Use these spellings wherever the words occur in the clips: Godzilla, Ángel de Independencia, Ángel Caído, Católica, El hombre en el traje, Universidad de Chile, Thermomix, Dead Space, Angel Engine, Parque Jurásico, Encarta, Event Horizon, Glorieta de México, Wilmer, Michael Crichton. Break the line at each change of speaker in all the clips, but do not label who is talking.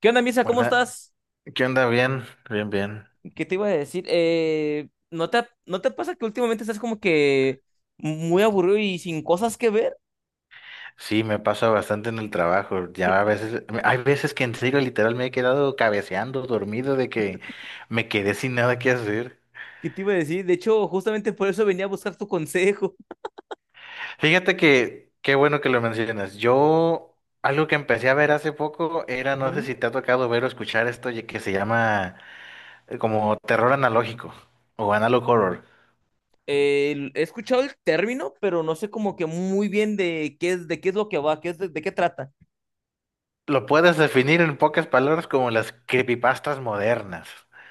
¿Qué onda, Misa? ¿Cómo
Buena,
estás?
¿qué onda? Bien, bien, bien.
¿Qué te iba a decir? ¿No te, no te pasa que últimamente estás como que muy aburrido y sin cosas que ver?
Sí, me pasa bastante en el trabajo. Ya a veces, hay veces que en serio literal me he quedado cabeceando, dormido, de que me quedé sin nada que hacer.
¿Qué te iba a decir? De hecho, justamente por eso venía a buscar tu consejo.
Fíjate que, qué bueno que lo mencionas. Yo, algo que empecé a ver hace poco era, no sé
Ujú.
si te ha tocado ver o escuchar esto que se llama como terror analógico o analog horror.
He escuchado el término, pero no sé como que muy bien de qué es lo que va, qué es, de qué trata.
Lo puedes definir en pocas palabras como las creepypastas modernas.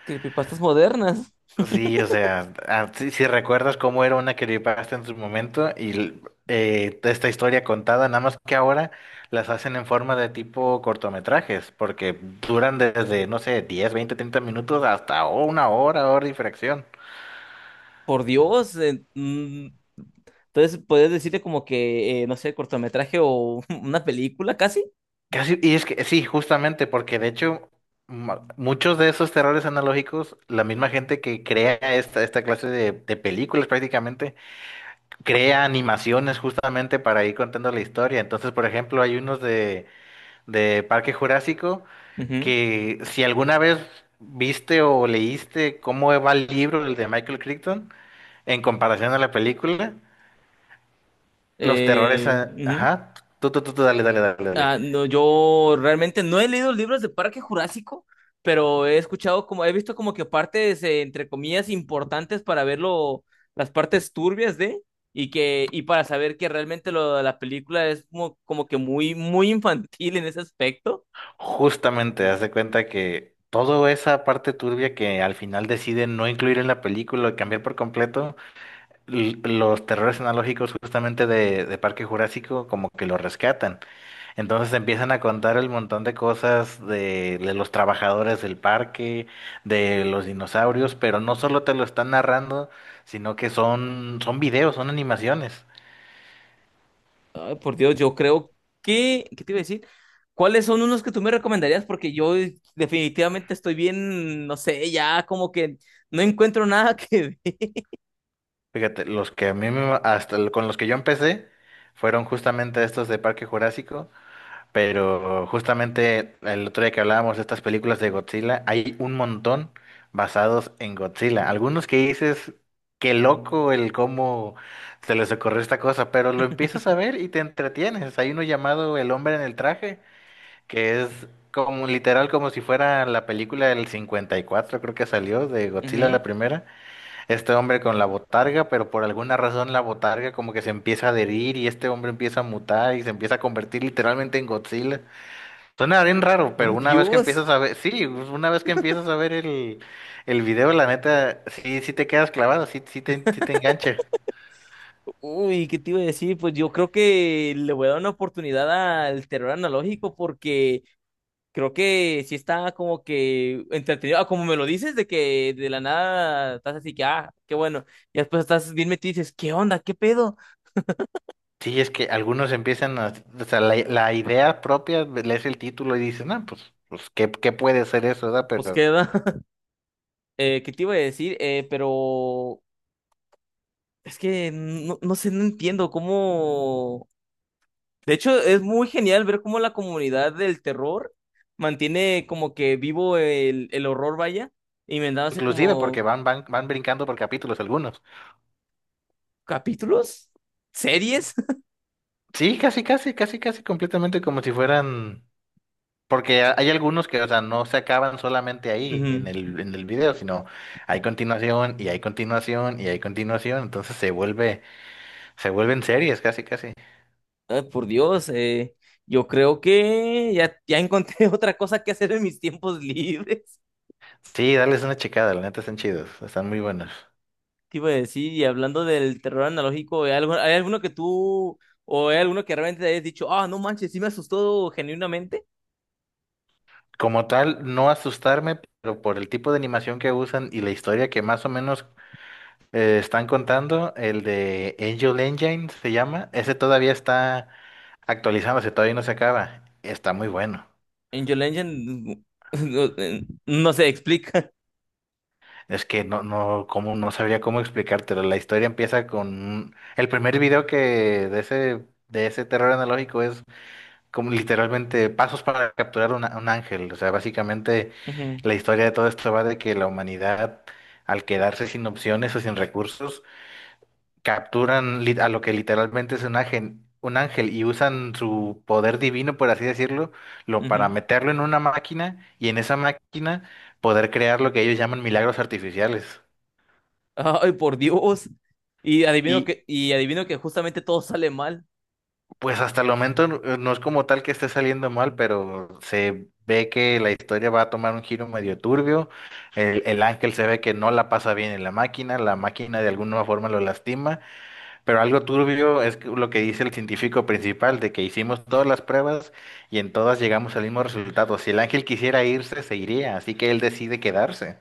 Creepypastas modernas,
Sí, o sea, si, recuerdas cómo era una creepypasta en su momento esta historia contada, nada más que ahora las hacen en forma de tipo cortometrajes, porque duran desde, no sé, 10, 20, 30 minutos hasta una hora, hora y fracción.
por Dios. Entonces, puedes decirte como que, no sé, cortometraje o una película casi.
Casi, y es que sí, justamente, porque de hecho muchos de esos terrores analógicos, la misma gente que crea esta clase de películas prácticamente, crea animaciones justamente para ir contando la historia. Entonces, por ejemplo, hay unos de Parque Jurásico,
Ujú.
que si alguna vez viste o leíste cómo va el libro, el de Michael Crichton, en comparación a la película, los terrores,
Ujú.
ajá, tú, dale, dale, dale, dale.
Ah, no, yo realmente no he leído libros de Parque Jurásico, pero he escuchado como, he visto como que partes, entre comillas, importantes para verlo, las partes turbias de, y que, y para saber que realmente lo de la película es como, como que muy, muy infantil en ese aspecto.
Justamente, haz de cuenta que toda esa parte turbia que al final deciden no incluir en la película o cambiar por completo, los terrores analógicos justamente de Parque Jurásico como que lo rescatan. Entonces empiezan a contar el montón de cosas de los trabajadores del parque, de los dinosaurios, pero no solo te lo están narrando, sino que son videos, son animaciones.
Ay, por Dios, yo creo que, ¿qué te iba a decir? ¿Cuáles son unos que tú me recomendarías? Porque yo definitivamente estoy bien, no sé, ya como que no encuentro nada que ver.
Fíjate, los que a hasta con los que yo empecé fueron justamente estos de Parque Jurásico. Pero justamente el otro día que hablábamos de estas películas de Godzilla, hay un montón basados en Godzilla. Algunos que dices, qué loco el cómo se les ocurrió esta cosa, pero lo empiezas a ver y te entretienes. Hay uno llamado El hombre en el traje, que es como literal como si fuera la película del 54, creo que salió, de Godzilla la
Ujú.
primera. Este hombre con la botarga, pero por alguna razón la botarga como que se empieza a adherir y este hombre empieza a mutar y se empieza a convertir literalmente en Godzilla. Suena bien raro, pero
Por
una vez que
Dios.
empiezas a ver, sí, pues, una vez que empiezas a ver el video, la neta, sí, sí te quedas clavado, sí, sí te engancha.
Uy, ¿qué te iba a decir? Pues yo creo que le voy a dar una oportunidad al terror analógico porque creo que sí está como que entretenido. Ah, como me lo dices, de que de la nada estás así que, ah, qué bueno, y después estás bien metido y dices, ¿qué onda? ¿Qué pedo?
Sí, es que algunos empiezan a, o sea, la idea propia, lees el título y dices, no, pues, pues, ¿qué, qué puede ser eso, verdad?
Pues
Pero,
queda. ¿Qué te iba a decir? Pero es que no, no sé, no entiendo cómo... De hecho, es muy genial ver cómo la comunidad del terror mantiene como que vivo el horror, vaya inventándose
inclusive porque
como
van, van, van brincando por capítulos algunos.
capítulos, series.
Sí, casi, casi, casi, casi completamente como si fueran. Porque hay algunos que, o sea, no se acaban solamente ahí
Ujú.
en el video, sino hay continuación y hay continuación y hay continuación, entonces se vuelven series casi casi.
Ay, por Dios, yo creo que ya, ya encontré otra cosa que hacer en mis tiempos libres.
Sí, dales una checada, la neta están chidos, están muy buenos.
¿Qué iba a decir? Y hablando del terror analógico, ¿hay algo- hay alguno que tú o hay alguno que realmente te hayas dicho, ah, no manches, sí me asustó genuinamente?
Como tal, no asustarme, pero por el tipo de animación que usan y la historia que más o menos están contando, el de Angel Engine se llama, ese todavía está actualizándose, todavía no se acaba, está muy bueno.
Angel Engine, no, no se explica.
Es que no, no, cómo, no sabría cómo explicártelo. La historia empieza con el primer video que de ese terror analógico es como literalmente pasos para capturar un ángel. O sea, básicamente
Ujú,
la historia de todo esto va de que la humanidad, al quedarse sin opciones o sin recursos, capturan a lo que literalmente es un ángel y usan su poder divino, por así decirlo, lo, para
ujú.
meterlo en una máquina y en esa máquina poder crear lo que ellos llaman milagros artificiales.
Ay, por Dios.
Y
Y adivino que justamente todo sale mal.
pues hasta el momento no es como tal que esté saliendo mal, pero se ve que la historia va a tomar un giro medio turbio. El ángel se ve que no la pasa bien en la máquina de alguna forma lo lastima, pero algo turbio es lo que dice el científico principal, de que hicimos todas las pruebas y en todas llegamos al mismo resultado. Si el ángel quisiera irse, se iría, así que él decide quedarse.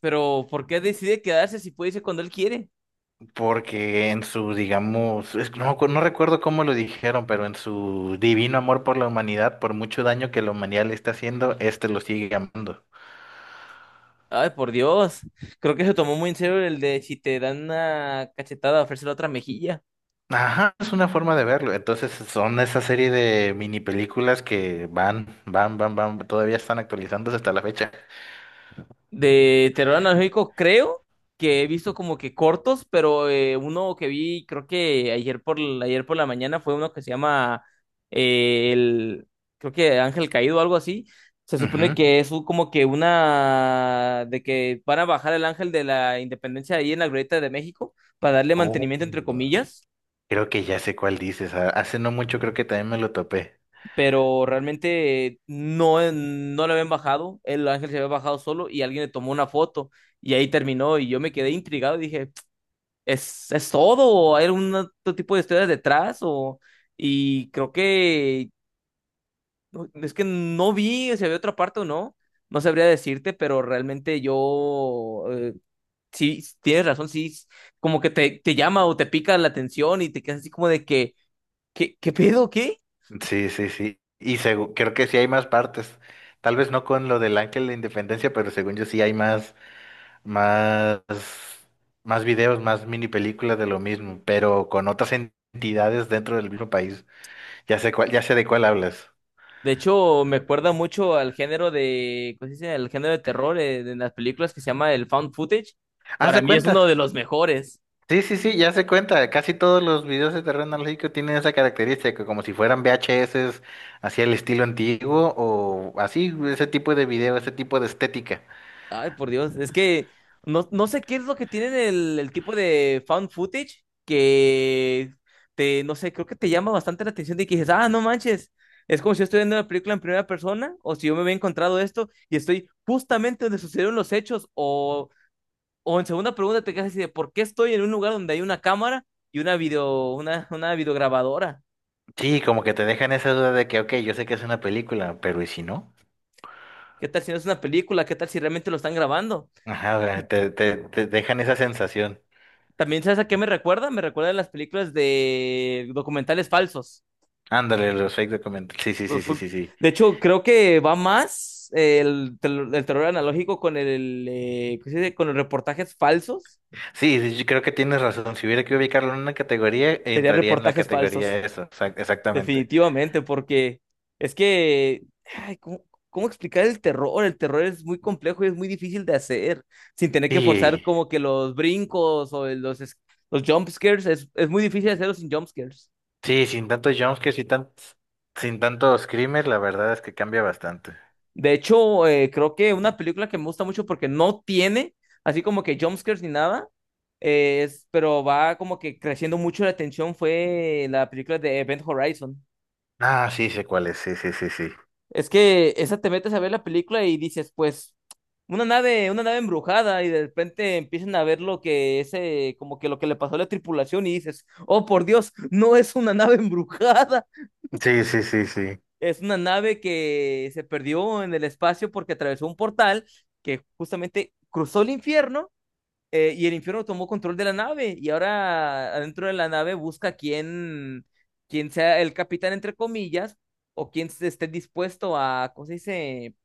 Pero, ¿por qué decide quedarse si puede irse cuando él quiere?
Porque en su, digamos, que no, no recuerdo cómo lo dijeron, pero en su divino amor por la humanidad, por mucho daño que la humanidad le está haciendo, este lo sigue amando.
Ay, por Dios. Creo que se tomó muy en serio el de si te dan una cachetada, ofrecer otra mejilla.
Ajá, es una forma de verlo. Entonces son esa serie de mini películas que van, van, van, van, todavía están actualizándose hasta la fecha.
De terror analógico, creo que he visto como que cortos, pero uno que vi, creo que ayer por la mañana fue uno que se llama eh, el, creo que Ángel Caído o algo así. Se supone
Ujú.
que es como que una, de que van a bajar el ángel de la independencia ahí en la Glorieta de México para darle
Oh.
mantenimiento entre comillas.
Creo que ya sé cuál dices. Ah, hace no mucho creo que también me lo topé.
Pero realmente no, no le habían bajado, el ángel se había bajado solo y alguien le tomó una foto y ahí terminó y yo me quedé intrigado y dije, es todo? ¿O ¿hay algún otro tipo de historias detrás? O, y creo que es que no vi si había otra parte o no, no sabría decirte, pero realmente yo... Sí, tienes razón, sí, como que te llama o te pica la atención y te quedas así como de que, ¿qué, qué pedo? ¿Qué?
Sí, sí, sí. Y creo que sí hay más partes. Tal vez no con lo del Ángel de Independencia, pero según yo sí hay más. Más, más videos, más mini películas de lo mismo, pero con otras entidades dentro del mismo país. Ya sé cuál, ya sé de cuál hablas.
De hecho, me acuerda mucho al género de, ¿cómo se dice? El género de terror las películas que se llama el found footage.
Ah,
Para
se
mí es uno
cuenta.
de los mejores.
Sí, sí, sí, ya se cuenta. Casi todos los videos de terreno analógico tienen esa característica, como si fueran VHS, así el estilo antiguo o así, ese tipo de video, ese tipo de estética.
Ay, por Dios, es que no, no sé qué es lo que tiene el tipo de found footage que te, no sé, creo que te llama bastante la atención de que dices, ah, no manches, es como si yo estoy viendo una película en primera persona o si yo me había encontrado esto y estoy justamente donde sucedieron los hechos. O en segunda pregunta te quedas así de ¿por qué estoy en un lugar donde hay una cámara y una video, una videograbadora?
Sí, como que te dejan esa duda de que, ok, yo sé que es una película, pero ¿y si no?
¿Qué tal si no es una película? ¿Qué tal si realmente lo están grabando?
Ajá, o sea, te dejan esa sensación.
También, ¿sabes a qué me recuerda? Me recuerda a las películas de documentales falsos.
Ándale, los fake documentales. Sí, sí,
Pues
sí, sí,
fue-
sí, sí.
De hecho, creo que va más el terror analógico con el, ¿cómo se dice? Con los reportajes falsos.
Sí, sí, yo creo que tienes razón. Si hubiera que ubicarlo en una categoría,
Serían
entraría en la
reportajes falsos.
categoría esa, exactamente.
Definitivamente, porque es que, ay, ¿cómo, cómo explicar el terror? El terror es muy complejo y es muy difícil de hacer, sin tener que forzar
Y
como que los brincos o los jump scares, es muy difícil hacerlos sin jump scares.
sí, sin tantos jumpscares y tan, sin tantos screamers, la verdad es que cambia bastante.
De hecho, creo que una película que me gusta mucho porque no tiene así como que jump scares ni nada, pero va como que creciendo mucho la tensión fue la película de Event Horizon.
Ah, sí, sé cuál es, sí, sí, sí, sí.
Es que esa te metes a ver la película y dices, pues, una nave embrujada, y de repente empiezan a ver lo que ese, como que lo que le pasó a la tripulación, y dices, oh por Dios, no es una nave embrujada,
Sí, sí, sí, sí.
es una nave que se perdió en el espacio porque atravesó un portal que justamente cruzó el infierno, y el infierno tomó control de la nave, y ahora adentro de la nave busca quién, quién sea el capitán, entre comillas, o quién se esté dispuesto a, ¿cómo se dice?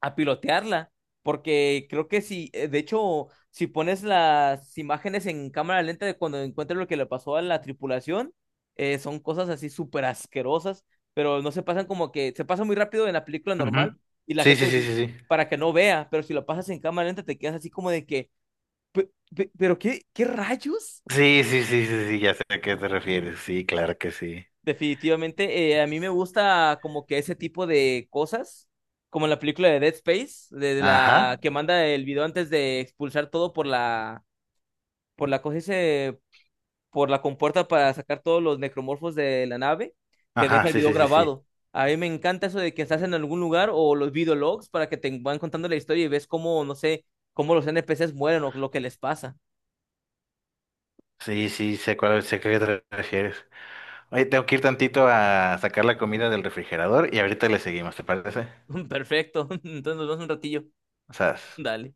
A pilotearla, porque creo que si, de hecho, si pones las imágenes en cámara lenta de cuando encuentras lo que le pasó a la tripulación, son cosas así súper asquerosas, pero no se pasan como que, se pasa muy rápido en la película normal
Ujú.
y la
Sí, sí,
gente
sí, sí, sí.
para que no vea, pero si lo pasas en cámara lenta te quedas así como de que, pero qué, qué rayos?
Sí, sí, sí, sí, sí, ya sé a qué te refieres. Sí, claro que sí.
Definitivamente, a mí me gusta como que ese tipo de cosas, como la película de Dead Space, de
Ajá,
la que manda el video antes de expulsar todo por la, por la cosa ese- por la compuerta para sacar todos los necromorfos de la nave, que
ajá,
deja el
sí,
video
sí, sí, sí.
grabado. A mí me encanta eso de que estás en algún lugar o los videologs para que te van contando la historia y ves cómo, no sé, cómo los NPCs mueren o lo que les pasa.
Sí, sí, sé cuál, sé a qué te refieres. Oye, tengo que ir tantito a sacar la comida del refrigerador y ahorita le seguimos, ¿te parece?
Perfecto. Entonces nos vemos un ratillo.
O sea,
Dale.